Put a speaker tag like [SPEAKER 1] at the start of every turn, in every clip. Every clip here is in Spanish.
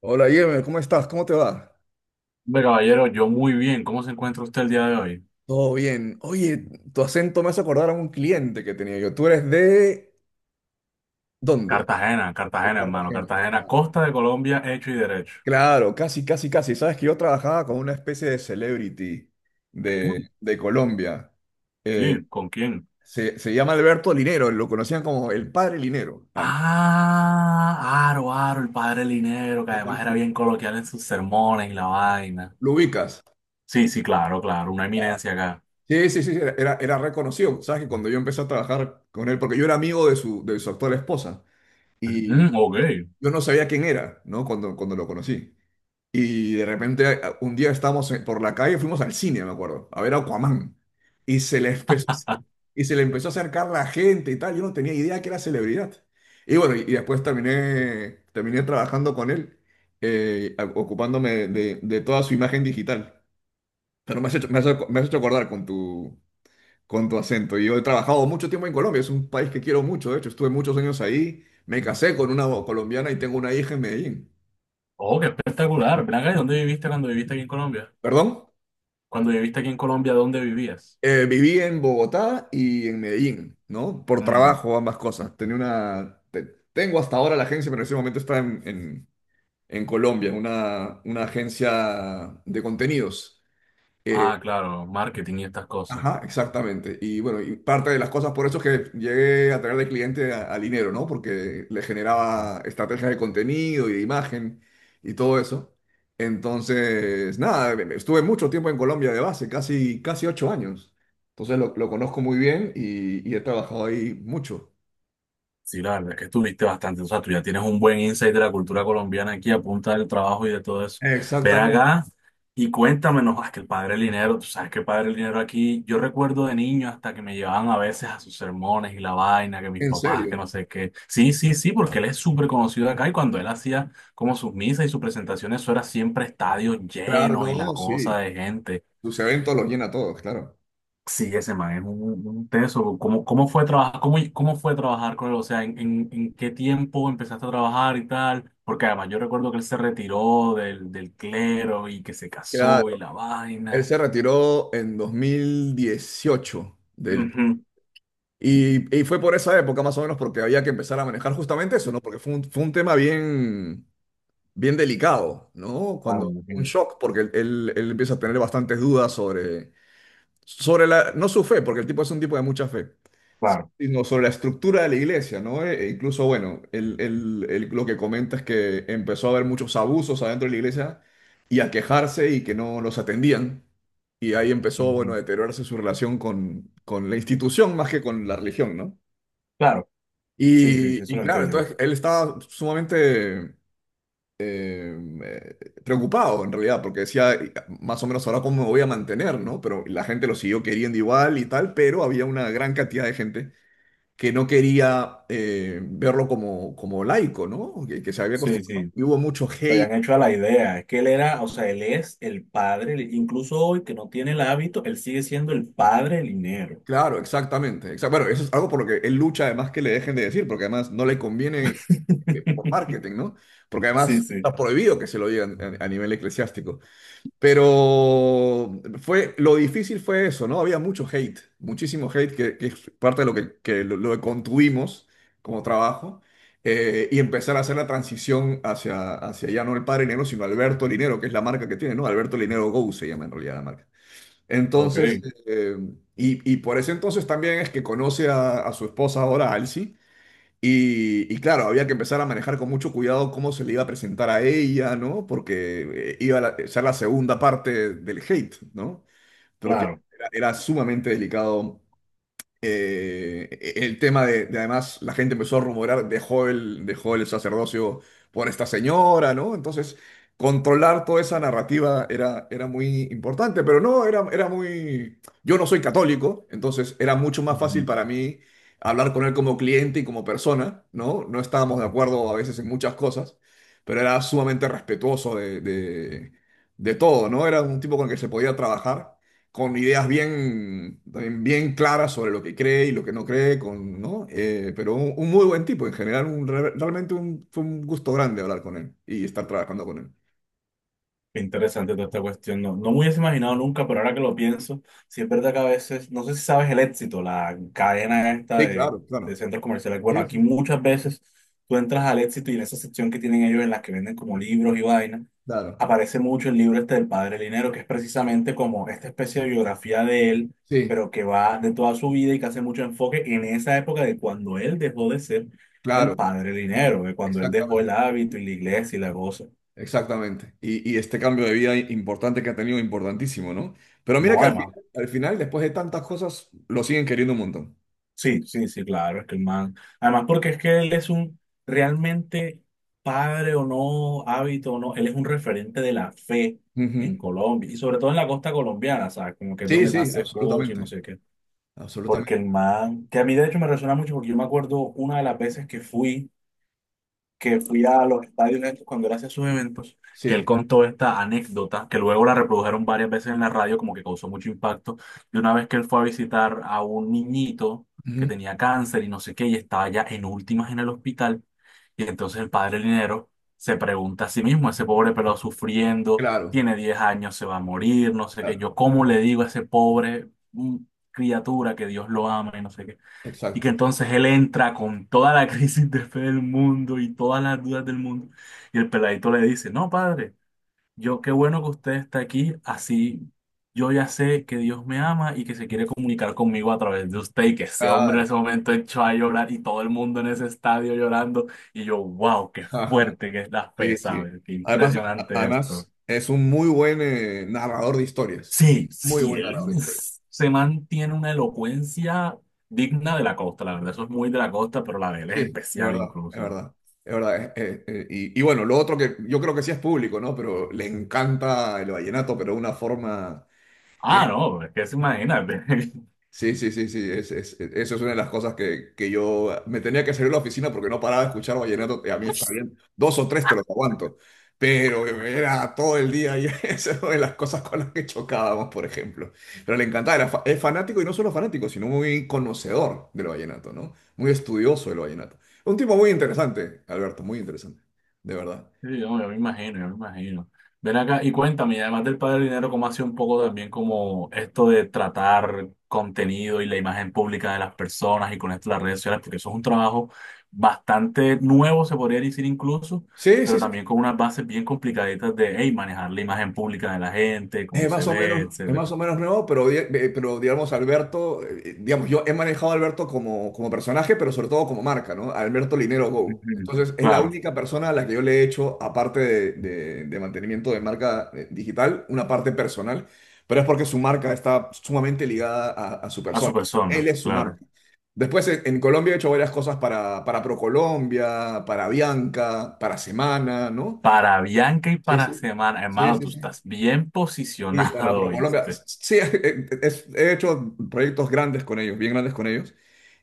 [SPEAKER 1] Hola, Yeme, ¿cómo estás? ¿Cómo te va?
[SPEAKER 2] Hombre, caballero, yo muy bien. ¿Cómo se encuentra usted el día de hoy?
[SPEAKER 1] Todo bien. Oye, tu acento me hace acordar a un cliente que tenía yo. ¿Tú eres de dónde?
[SPEAKER 2] Cartagena,
[SPEAKER 1] De
[SPEAKER 2] Cartagena, hermano.
[SPEAKER 1] Cartagena.
[SPEAKER 2] Cartagena,
[SPEAKER 1] Ah,
[SPEAKER 2] costa de Colombia, hecho y derecho.
[SPEAKER 1] claro, casi, casi, casi. Sabes que yo trabajaba con una especie de celebrity de,
[SPEAKER 2] Mm,
[SPEAKER 1] de Colombia. Eh,
[SPEAKER 2] sí, ¿con quién?
[SPEAKER 1] se llama Alberto Linero, lo conocían como el padre Linero. Ah.
[SPEAKER 2] Ah, Aro, Aro, el padre Linero, que
[SPEAKER 1] ¿Lo,
[SPEAKER 2] además
[SPEAKER 1] con-
[SPEAKER 2] era bien coloquial en sus sermones y la vaina.
[SPEAKER 1] lo ubicas?
[SPEAKER 2] Sí, sí, claro, claro, una eminencia acá.
[SPEAKER 1] Sí, sí, sí, era reconocido. Sabes que cuando yo empecé a trabajar con él, porque yo era amigo de su actual esposa.
[SPEAKER 2] Mm,
[SPEAKER 1] Y
[SPEAKER 2] mm, ok.
[SPEAKER 1] yo yo no sabía quién era, ¿no? Cuando lo conocí. Y de repente un día estábamos por la calle, fuimos al cine, me acuerdo, a ver Aquaman. Y se le empezó, a hacer- y se le empezó a acercar la gente y tal. Yo no tenía idea que era celebridad. Y bueno, y después terminé trabajando con él, ocupándome de toda su imagen digital. Pero me has hecho, me has, ac- me has hecho acordar con tu acento. Y yo he trabajado mucho tiempo en Colombia, es un país que quiero mucho; de hecho, estuve muchos años ahí, me casé con una colombiana y tengo una hija en Medellín.
[SPEAKER 2] Oh, qué espectacular. Ven acá, ¿y dónde viviste cuando viviste aquí en Colombia?
[SPEAKER 1] Perdón.
[SPEAKER 2] Cuando viviste aquí en Colombia, ¿dónde vivías?
[SPEAKER 1] Viví en Bogotá y en Medellín, ¿no? Por
[SPEAKER 2] Mm.
[SPEAKER 1] trabajo, ambas cosas. Tengo hasta ahora la agencia, pero en ese momento está en Colombia, una agencia de contenidos. Eh,
[SPEAKER 2] Ah, claro, marketing y estas cosas.
[SPEAKER 1] Ajá, exactamente. Y bueno, y parte de las cosas por eso es que llegué a traer de cliente a Linero, ¿no? Porque le generaba estrategias de contenido y de imagen y todo eso. Entonces, nada, estuve mucho tiempo en Colombia de base, casi, casi 8 años. Entonces lo conozco muy bien y he trabajado ahí mucho.
[SPEAKER 2] Sí, la verdad es que estuviste bastante, o sea, tú ya tienes un buen insight de la cultura colombiana aquí a punta del trabajo y de todo eso. Ven
[SPEAKER 1] Exactamente,
[SPEAKER 2] acá y cuéntame, no, es que el padre del dinero, tú sabes que el padre del dinero aquí, yo recuerdo de niño hasta que me llevaban a veces a sus sermones y la vaina, que mis
[SPEAKER 1] en
[SPEAKER 2] papás,
[SPEAKER 1] serio.
[SPEAKER 2] que no sé qué. Sí, sí, sí, porque él es súper conocido acá y cuando él hacía como sus misas y sus presentaciones, eso era siempre estadios
[SPEAKER 1] Claro,
[SPEAKER 2] llenos y la
[SPEAKER 1] no,
[SPEAKER 2] cosa
[SPEAKER 1] sí.
[SPEAKER 2] de gente.
[SPEAKER 1] Sus eventos los llena a todos, claro.
[SPEAKER 2] Sí, ese man es un teso. ¿Cómo fue trabajar, cómo fue trabajar con él? O sea, ¿en qué tiempo empezaste a trabajar y tal? Porque además yo recuerdo que él se retiró del clero y que se casó y
[SPEAKER 1] Claro,
[SPEAKER 2] la
[SPEAKER 1] él
[SPEAKER 2] vaina.
[SPEAKER 1] se retiró en 2018 del...
[SPEAKER 2] Ujú.
[SPEAKER 1] Y fue por esa época más o menos porque había que empezar a manejar justamente eso, ¿no? Porque fue un tema bien, bien delicado, ¿no?
[SPEAKER 2] Claro, me
[SPEAKER 1] Cuando un
[SPEAKER 2] imagino,
[SPEAKER 1] shock, porque él empieza a tener bastantes dudas sobre, sobre la, no su fe, porque el tipo es un tipo de mucha fe,
[SPEAKER 2] claro,
[SPEAKER 1] sino sobre la estructura de la iglesia, ¿no? E incluso, bueno, él lo que comenta es que empezó a haber muchos abusos adentro de la iglesia y a quejarse y que no los atendían. Y ahí empezó,
[SPEAKER 2] ujú,
[SPEAKER 1] bueno, a deteriorarse su relación con la institución más que con la religión, ¿no?
[SPEAKER 2] claro, sí, sí,
[SPEAKER 1] Y,
[SPEAKER 2] sí, eso
[SPEAKER 1] y
[SPEAKER 2] lo
[SPEAKER 1] claro,
[SPEAKER 2] entiendo.
[SPEAKER 1] entonces él estaba sumamente em, eh, preocupado en realidad, porque decía, más o menos ahora cómo me voy a mantener, ¿no? Pero la gente lo siguió queriendo igual y tal, pero había una gran cantidad de gente que no quería verlo como laico, ¿no? Que se había
[SPEAKER 2] Sí,
[SPEAKER 1] acostumbrado.
[SPEAKER 2] sí,
[SPEAKER 1] Y hubo mucho
[SPEAKER 2] se habían
[SPEAKER 1] hate.
[SPEAKER 2] hecho a la idea. Es que él era, o sea, él es el padre, del- incluso hoy que no tiene el hábito, él sigue siendo el padre del dinero.
[SPEAKER 1] Claro, exactamente. Bueno, eso es algo por lo que él lucha, además que le dejen de decir, porque además no le conviene por marketing, ¿no? Porque
[SPEAKER 2] Sí,
[SPEAKER 1] además
[SPEAKER 2] sí,
[SPEAKER 1] está prohibido que se lo digan a nivel eclesiástico. Lo difícil fue eso, ¿no? Había mucho hate, muchísimo hate, que es parte de lo que, lo que construimos como trabajo, y empezar a hacer la transición hacia, hacia ya no el Padre Linero, sino Alberto Linero, que es la marca que tiene, ¿no? Alberto Linero Go se llama en realidad la marca.
[SPEAKER 2] ok,
[SPEAKER 1] Entonces, eh, y, y por ese entonces también es que conoce a su esposa ahora, Alci, y claro, había que empezar a manejar con mucho cuidado cómo se le iba a presentar a ella, ¿no? Porque iba a ser la segunda parte del hate, ¿no? Pero que
[SPEAKER 2] claro.
[SPEAKER 1] era sumamente delicado el tema además, la gente empezó a rumorar, dejó el sacerdocio por esta señora, ¿no? Entonces, controlar toda esa narrativa era muy importante, pero no, era, era muy... Yo no soy católico, entonces era mucho más fácil
[SPEAKER 2] Ujú.
[SPEAKER 1] para mí hablar con él como cliente y como persona, ¿no? No estábamos de acuerdo a veces en muchas cosas, pero era sumamente respetuoso de todo, ¿no? Era un tipo con el que se podía trabajar con ideas bien, también bien claras sobre lo que cree y lo que no cree, ¿no? Pero un muy buen tipo en general, realmente fue un gusto grande hablar con él y estar trabajando con él.
[SPEAKER 2] Qué interesante toda esta cuestión. No, no me hubiese imaginado nunca, pero ahora que lo pienso, sí es verdad que a veces, no sé si sabes el éxito, la cadena esta
[SPEAKER 1] Sí,
[SPEAKER 2] de,
[SPEAKER 1] claro,
[SPEAKER 2] de
[SPEAKER 1] claro.
[SPEAKER 2] centros comerciales. Bueno,
[SPEAKER 1] Sí,
[SPEAKER 2] aquí
[SPEAKER 1] sí, sí.
[SPEAKER 2] muchas veces tú entras al éxito y en esa sección que tienen ellos en las que venden como libros y vainas,
[SPEAKER 1] Claro,
[SPEAKER 2] aparece mucho el libro este del Padre Linero, que es precisamente como esta especie de biografía de él,
[SPEAKER 1] sí,
[SPEAKER 2] pero que va de toda su vida y que hace mucho enfoque en esa época de cuando él dejó de ser el
[SPEAKER 1] claro,
[SPEAKER 2] Padre Linero, de cuando él dejó el
[SPEAKER 1] exactamente.
[SPEAKER 2] hábito y la iglesia y la cosa.
[SPEAKER 1] Exactamente. Y este cambio de vida importante que ha tenido, importantísimo, ¿no? Pero mira
[SPEAKER 2] No,
[SPEAKER 1] que
[SPEAKER 2] además.
[SPEAKER 1] al final, después de tantas cosas, lo siguen queriendo un montón.
[SPEAKER 2] Sí, sí, sí, claro, es que el man. Además, porque es que él es un realmente padre o no, hábito o no, él es un referente de la fe en
[SPEAKER 1] Ujú.
[SPEAKER 2] Colombia y sobre todo en la costa colombiana, ¿sabes? Como que es
[SPEAKER 1] Sí,
[SPEAKER 2] donde más
[SPEAKER 1] sí,
[SPEAKER 2] se escucha y no
[SPEAKER 1] absolutamente.
[SPEAKER 2] sé qué. Porque
[SPEAKER 1] Absolutamente.
[SPEAKER 2] el man, que a mí de hecho me resuena mucho porque yo me acuerdo una de las veces que fui a los estadios estos cuando él hacía sus eventos, que él
[SPEAKER 1] Sí.
[SPEAKER 2] contó esta anécdota, que luego la reprodujeron varias veces en la radio, como que causó mucho impacto, de una vez que él fue a visitar a un niñito que
[SPEAKER 1] Ujú.
[SPEAKER 2] tenía cáncer y no sé qué, y estaba ya en últimas en el hospital, y entonces el padre Linero se pregunta a sí mismo, ese pobre pelado sufriendo,
[SPEAKER 1] Claro,
[SPEAKER 2] tiene 10 años, se va a morir, no sé qué,
[SPEAKER 1] claro.
[SPEAKER 2] yo cómo le digo a ese pobre criatura que Dios lo ama y no sé qué. Y que
[SPEAKER 1] Exacto.
[SPEAKER 2] entonces él entra con toda la crisis de fe del mundo y todas las dudas del mundo. Y el peladito le dice, no, padre, yo qué bueno que usted está aquí, así yo ya sé que Dios me ama y que se quiere comunicar conmigo a través de usted. Y que ese hombre en ese
[SPEAKER 1] Claro.
[SPEAKER 2] momento echó a llorar y todo el mundo en ese estadio llorando. Y yo, wow, qué fuerte que es la fe,
[SPEAKER 1] Sí, sí.
[SPEAKER 2] ¿sabes? Qué
[SPEAKER 1] Además,
[SPEAKER 2] impresionante esto.
[SPEAKER 1] además es un muy buen narrador de historias.
[SPEAKER 2] Sí,
[SPEAKER 1] Muy
[SPEAKER 2] sí,
[SPEAKER 1] buen
[SPEAKER 2] él
[SPEAKER 1] narrador de
[SPEAKER 2] uf,
[SPEAKER 1] historias.
[SPEAKER 2] se mantiene una elocuencia digna de la costa, la verdad, eso es muy de la costa, pero la de él es
[SPEAKER 1] Sí, es
[SPEAKER 2] especial
[SPEAKER 1] verdad, es
[SPEAKER 2] incluso.
[SPEAKER 1] verdad. Es verdad. Bueno, lo otro que yo creo que sí es público, ¿no? Pero le encanta el vallenato, pero de una forma que...
[SPEAKER 2] Ah, no, ¿es que se imagina?
[SPEAKER 1] Sí, sí, sí, sí, eso es una de las cosas que yo me tenía que salir de la oficina porque no paraba de escuchar vallenato, y a mí está bien, dos o tres te los aguanto, pero era todo el día y esa es una de las cosas con las que chocábamos, por ejemplo. Pero le encantaba, es fanático y no solo fanático, sino muy conocedor del vallenato, ¿no? Muy estudioso del vallenato. Un tipo muy interesante, Alberto, muy interesante, de verdad.
[SPEAKER 2] Sí, no, yo me imagino, yo me imagino. Ven acá y cuéntame, y además del Padre Dinero, ¿cómo hace un poco también como esto de tratar contenido y la imagen pública de las personas y con esto las redes sociales? Porque eso es un trabajo bastante nuevo, se podría decir incluso,
[SPEAKER 1] Sí, sí,
[SPEAKER 2] pero
[SPEAKER 1] sí.
[SPEAKER 2] también con unas bases bien complicaditas de, hey, manejar la imagen pública de la gente,
[SPEAKER 1] Es
[SPEAKER 2] cómo se
[SPEAKER 1] más o
[SPEAKER 2] ve,
[SPEAKER 1] menos, es más
[SPEAKER 2] etcétera.
[SPEAKER 1] o menos nuevo, pero, pero digamos, Alberto, digamos, yo he manejado a Alberto como personaje, pero sobre todo como marca, ¿no? Alberto Linero Go.
[SPEAKER 2] Ujú.
[SPEAKER 1] Entonces, es la
[SPEAKER 2] Claro,
[SPEAKER 1] única persona a la que yo le he hecho, aparte de mantenimiento de marca digital, una parte personal, pero es porque su marca está sumamente ligada a su
[SPEAKER 2] a su
[SPEAKER 1] persona. Él
[SPEAKER 2] persona,
[SPEAKER 1] es su marca.
[SPEAKER 2] claro.
[SPEAKER 1] Después, en Colombia he hecho varias cosas para ProColombia, para Bianca, para Semana, ¿no?
[SPEAKER 2] Para Bianca y
[SPEAKER 1] Sí,
[SPEAKER 2] para
[SPEAKER 1] sí.
[SPEAKER 2] Semana,
[SPEAKER 1] Sí,
[SPEAKER 2] hermano,
[SPEAKER 1] sí,
[SPEAKER 2] tú
[SPEAKER 1] sí.
[SPEAKER 2] estás bien
[SPEAKER 1] Y para
[SPEAKER 2] posicionado,
[SPEAKER 1] ProColombia,
[SPEAKER 2] ¿viste?
[SPEAKER 1] sí, he hecho proyectos grandes con ellos, bien grandes con ellos,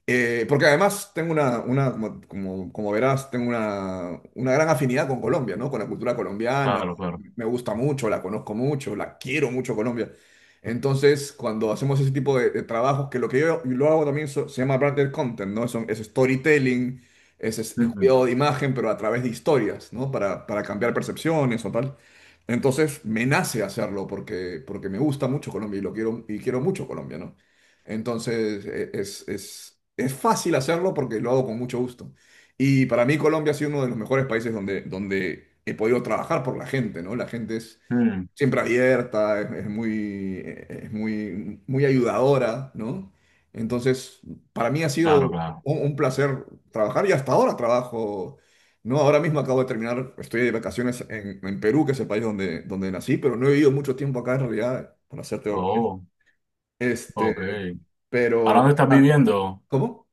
[SPEAKER 1] porque además tengo una como, verás, tengo una gran afinidad con Colombia, ¿no? Con la cultura colombiana,
[SPEAKER 2] Claro, claro.
[SPEAKER 1] me gusta mucho, la conozco mucho, la quiero mucho Colombia. Entonces, cuando hacemos ese tipo de trabajos, que lo que yo lo hago también se llama branded content, ¿no? Es storytelling, es
[SPEAKER 2] Ujú.
[SPEAKER 1] cuidado de imagen, pero a través de historias, ¿no? Para cambiar percepciones o tal. Entonces, me nace hacerlo porque me gusta mucho Colombia y lo quiero, y quiero mucho Colombia, ¿no? Entonces, es fácil hacerlo porque lo hago con mucho gusto. Y para mí Colombia ha sido uno de los mejores países donde he podido trabajar por la gente, ¿no? La gente es
[SPEAKER 2] Mm,
[SPEAKER 1] siempre abierta, es muy, muy ayudadora, ¿no? Entonces, para mí ha sido
[SPEAKER 2] claro,
[SPEAKER 1] un,
[SPEAKER 2] claro.
[SPEAKER 1] un placer trabajar y hasta ahora trabajo, ¿no? Ahora mismo acabo de terminar, estoy de vacaciones en Perú, que es el país donde nací, pero no he vivido mucho tiempo acá en realidad, para serte honesto.
[SPEAKER 2] Oh,
[SPEAKER 1] Este,
[SPEAKER 2] ok. ¿Ahora
[SPEAKER 1] pero,
[SPEAKER 2] dónde estás
[SPEAKER 1] ah,
[SPEAKER 2] viviendo?
[SPEAKER 1] ¿cómo?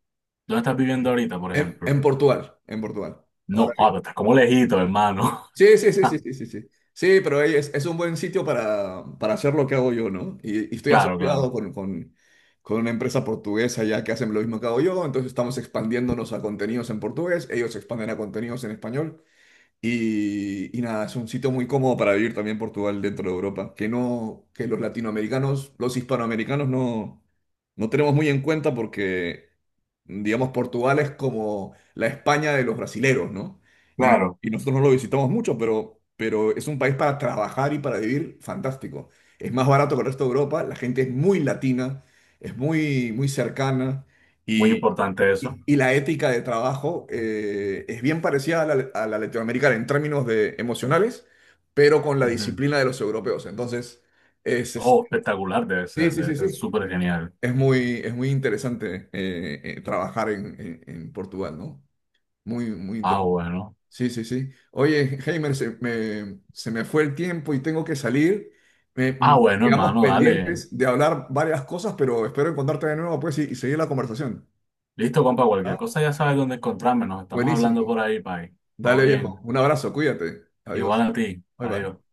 [SPEAKER 2] ¿Dónde estás viviendo ahorita, por
[SPEAKER 1] En,
[SPEAKER 2] ejemplo?
[SPEAKER 1] en Portugal, en Portugal. Ahora
[SPEAKER 2] No, ah, pero estás como lejito, hermano.
[SPEAKER 1] sí, sí, sí, sí, sí, sí, sí. Sí, pero ahí es un buen sitio para hacer lo que hago yo, ¿no? Y estoy
[SPEAKER 2] Claro,
[SPEAKER 1] asociado
[SPEAKER 2] claro.
[SPEAKER 1] con una empresa portuguesa ya que hacen lo mismo que hago yo, entonces estamos expandiéndonos a contenidos en portugués, ellos se expanden a contenidos en español. Y nada, es un sitio muy cómodo para vivir también Portugal dentro de Europa, que no, que los latinoamericanos, los hispanoamericanos no tenemos muy en cuenta porque, digamos, Portugal es como la España de los brasileros, ¿no? Y, no-
[SPEAKER 2] Claro,
[SPEAKER 1] y nosotros no lo visitamos mucho, pero es un país para trabajar y para vivir fantástico. Es más barato que el resto de Europa, la gente es muy latina, es muy, muy cercana
[SPEAKER 2] muy importante eso.
[SPEAKER 1] y la ética de trabajo es bien parecida a la latinoamericana en términos de emocionales, pero con la
[SPEAKER 2] Ujú.
[SPEAKER 1] disciplina de los europeos. Entonces, es, es-
[SPEAKER 2] Oh, espectacular
[SPEAKER 1] sí, sí,
[SPEAKER 2] debe
[SPEAKER 1] sí,
[SPEAKER 2] ser
[SPEAKER 1] sí.
[SPEAKER 2] súper genial.
[SPEAKER 1] Es muy interesante trabajar en Portugal, ¿no? Muy, muy
[SPEAKER 2] Ah,
[SPEAKER 1] interesante.
[SPEAKER 2] bueno.
[SPEAKER 1] Sí, sí, sí. Oye, Heimer, se me fue el tiempo y tengo que salir.
[SPEAKER 2] Ah, bueno,
[SPEAKER 1] Quedamos
[SPEAKER 2] hermano, dale.
[SPEAKER 1] pendientes de hablar varias cosas, pero espero encontrarte de nuevo, pues, y seguir la conversación.
[SPEAKER 2] Listo, compa, cualquier cosa
[SPEAKER 1] ¿No?
[SPEAKER 2] ya sabes dónde encontrarme. Nos estamos
[SPEAKER 1] Buenísimo.
[SPEAKER 2] hablando por ahí, pai. Todo
[SPEAKER 1] Dale, viejo.
[SPEAKER 2] bien.
[SPEAKER 1] Un abrazo, cuídate.
[SPEAKER 2] Igual
[SPEAKER 1] Adiós.
[SPEAKER 2] a ti.
[SPEAKER 1] Bye bye.
[SPEAKER 2] Adiós.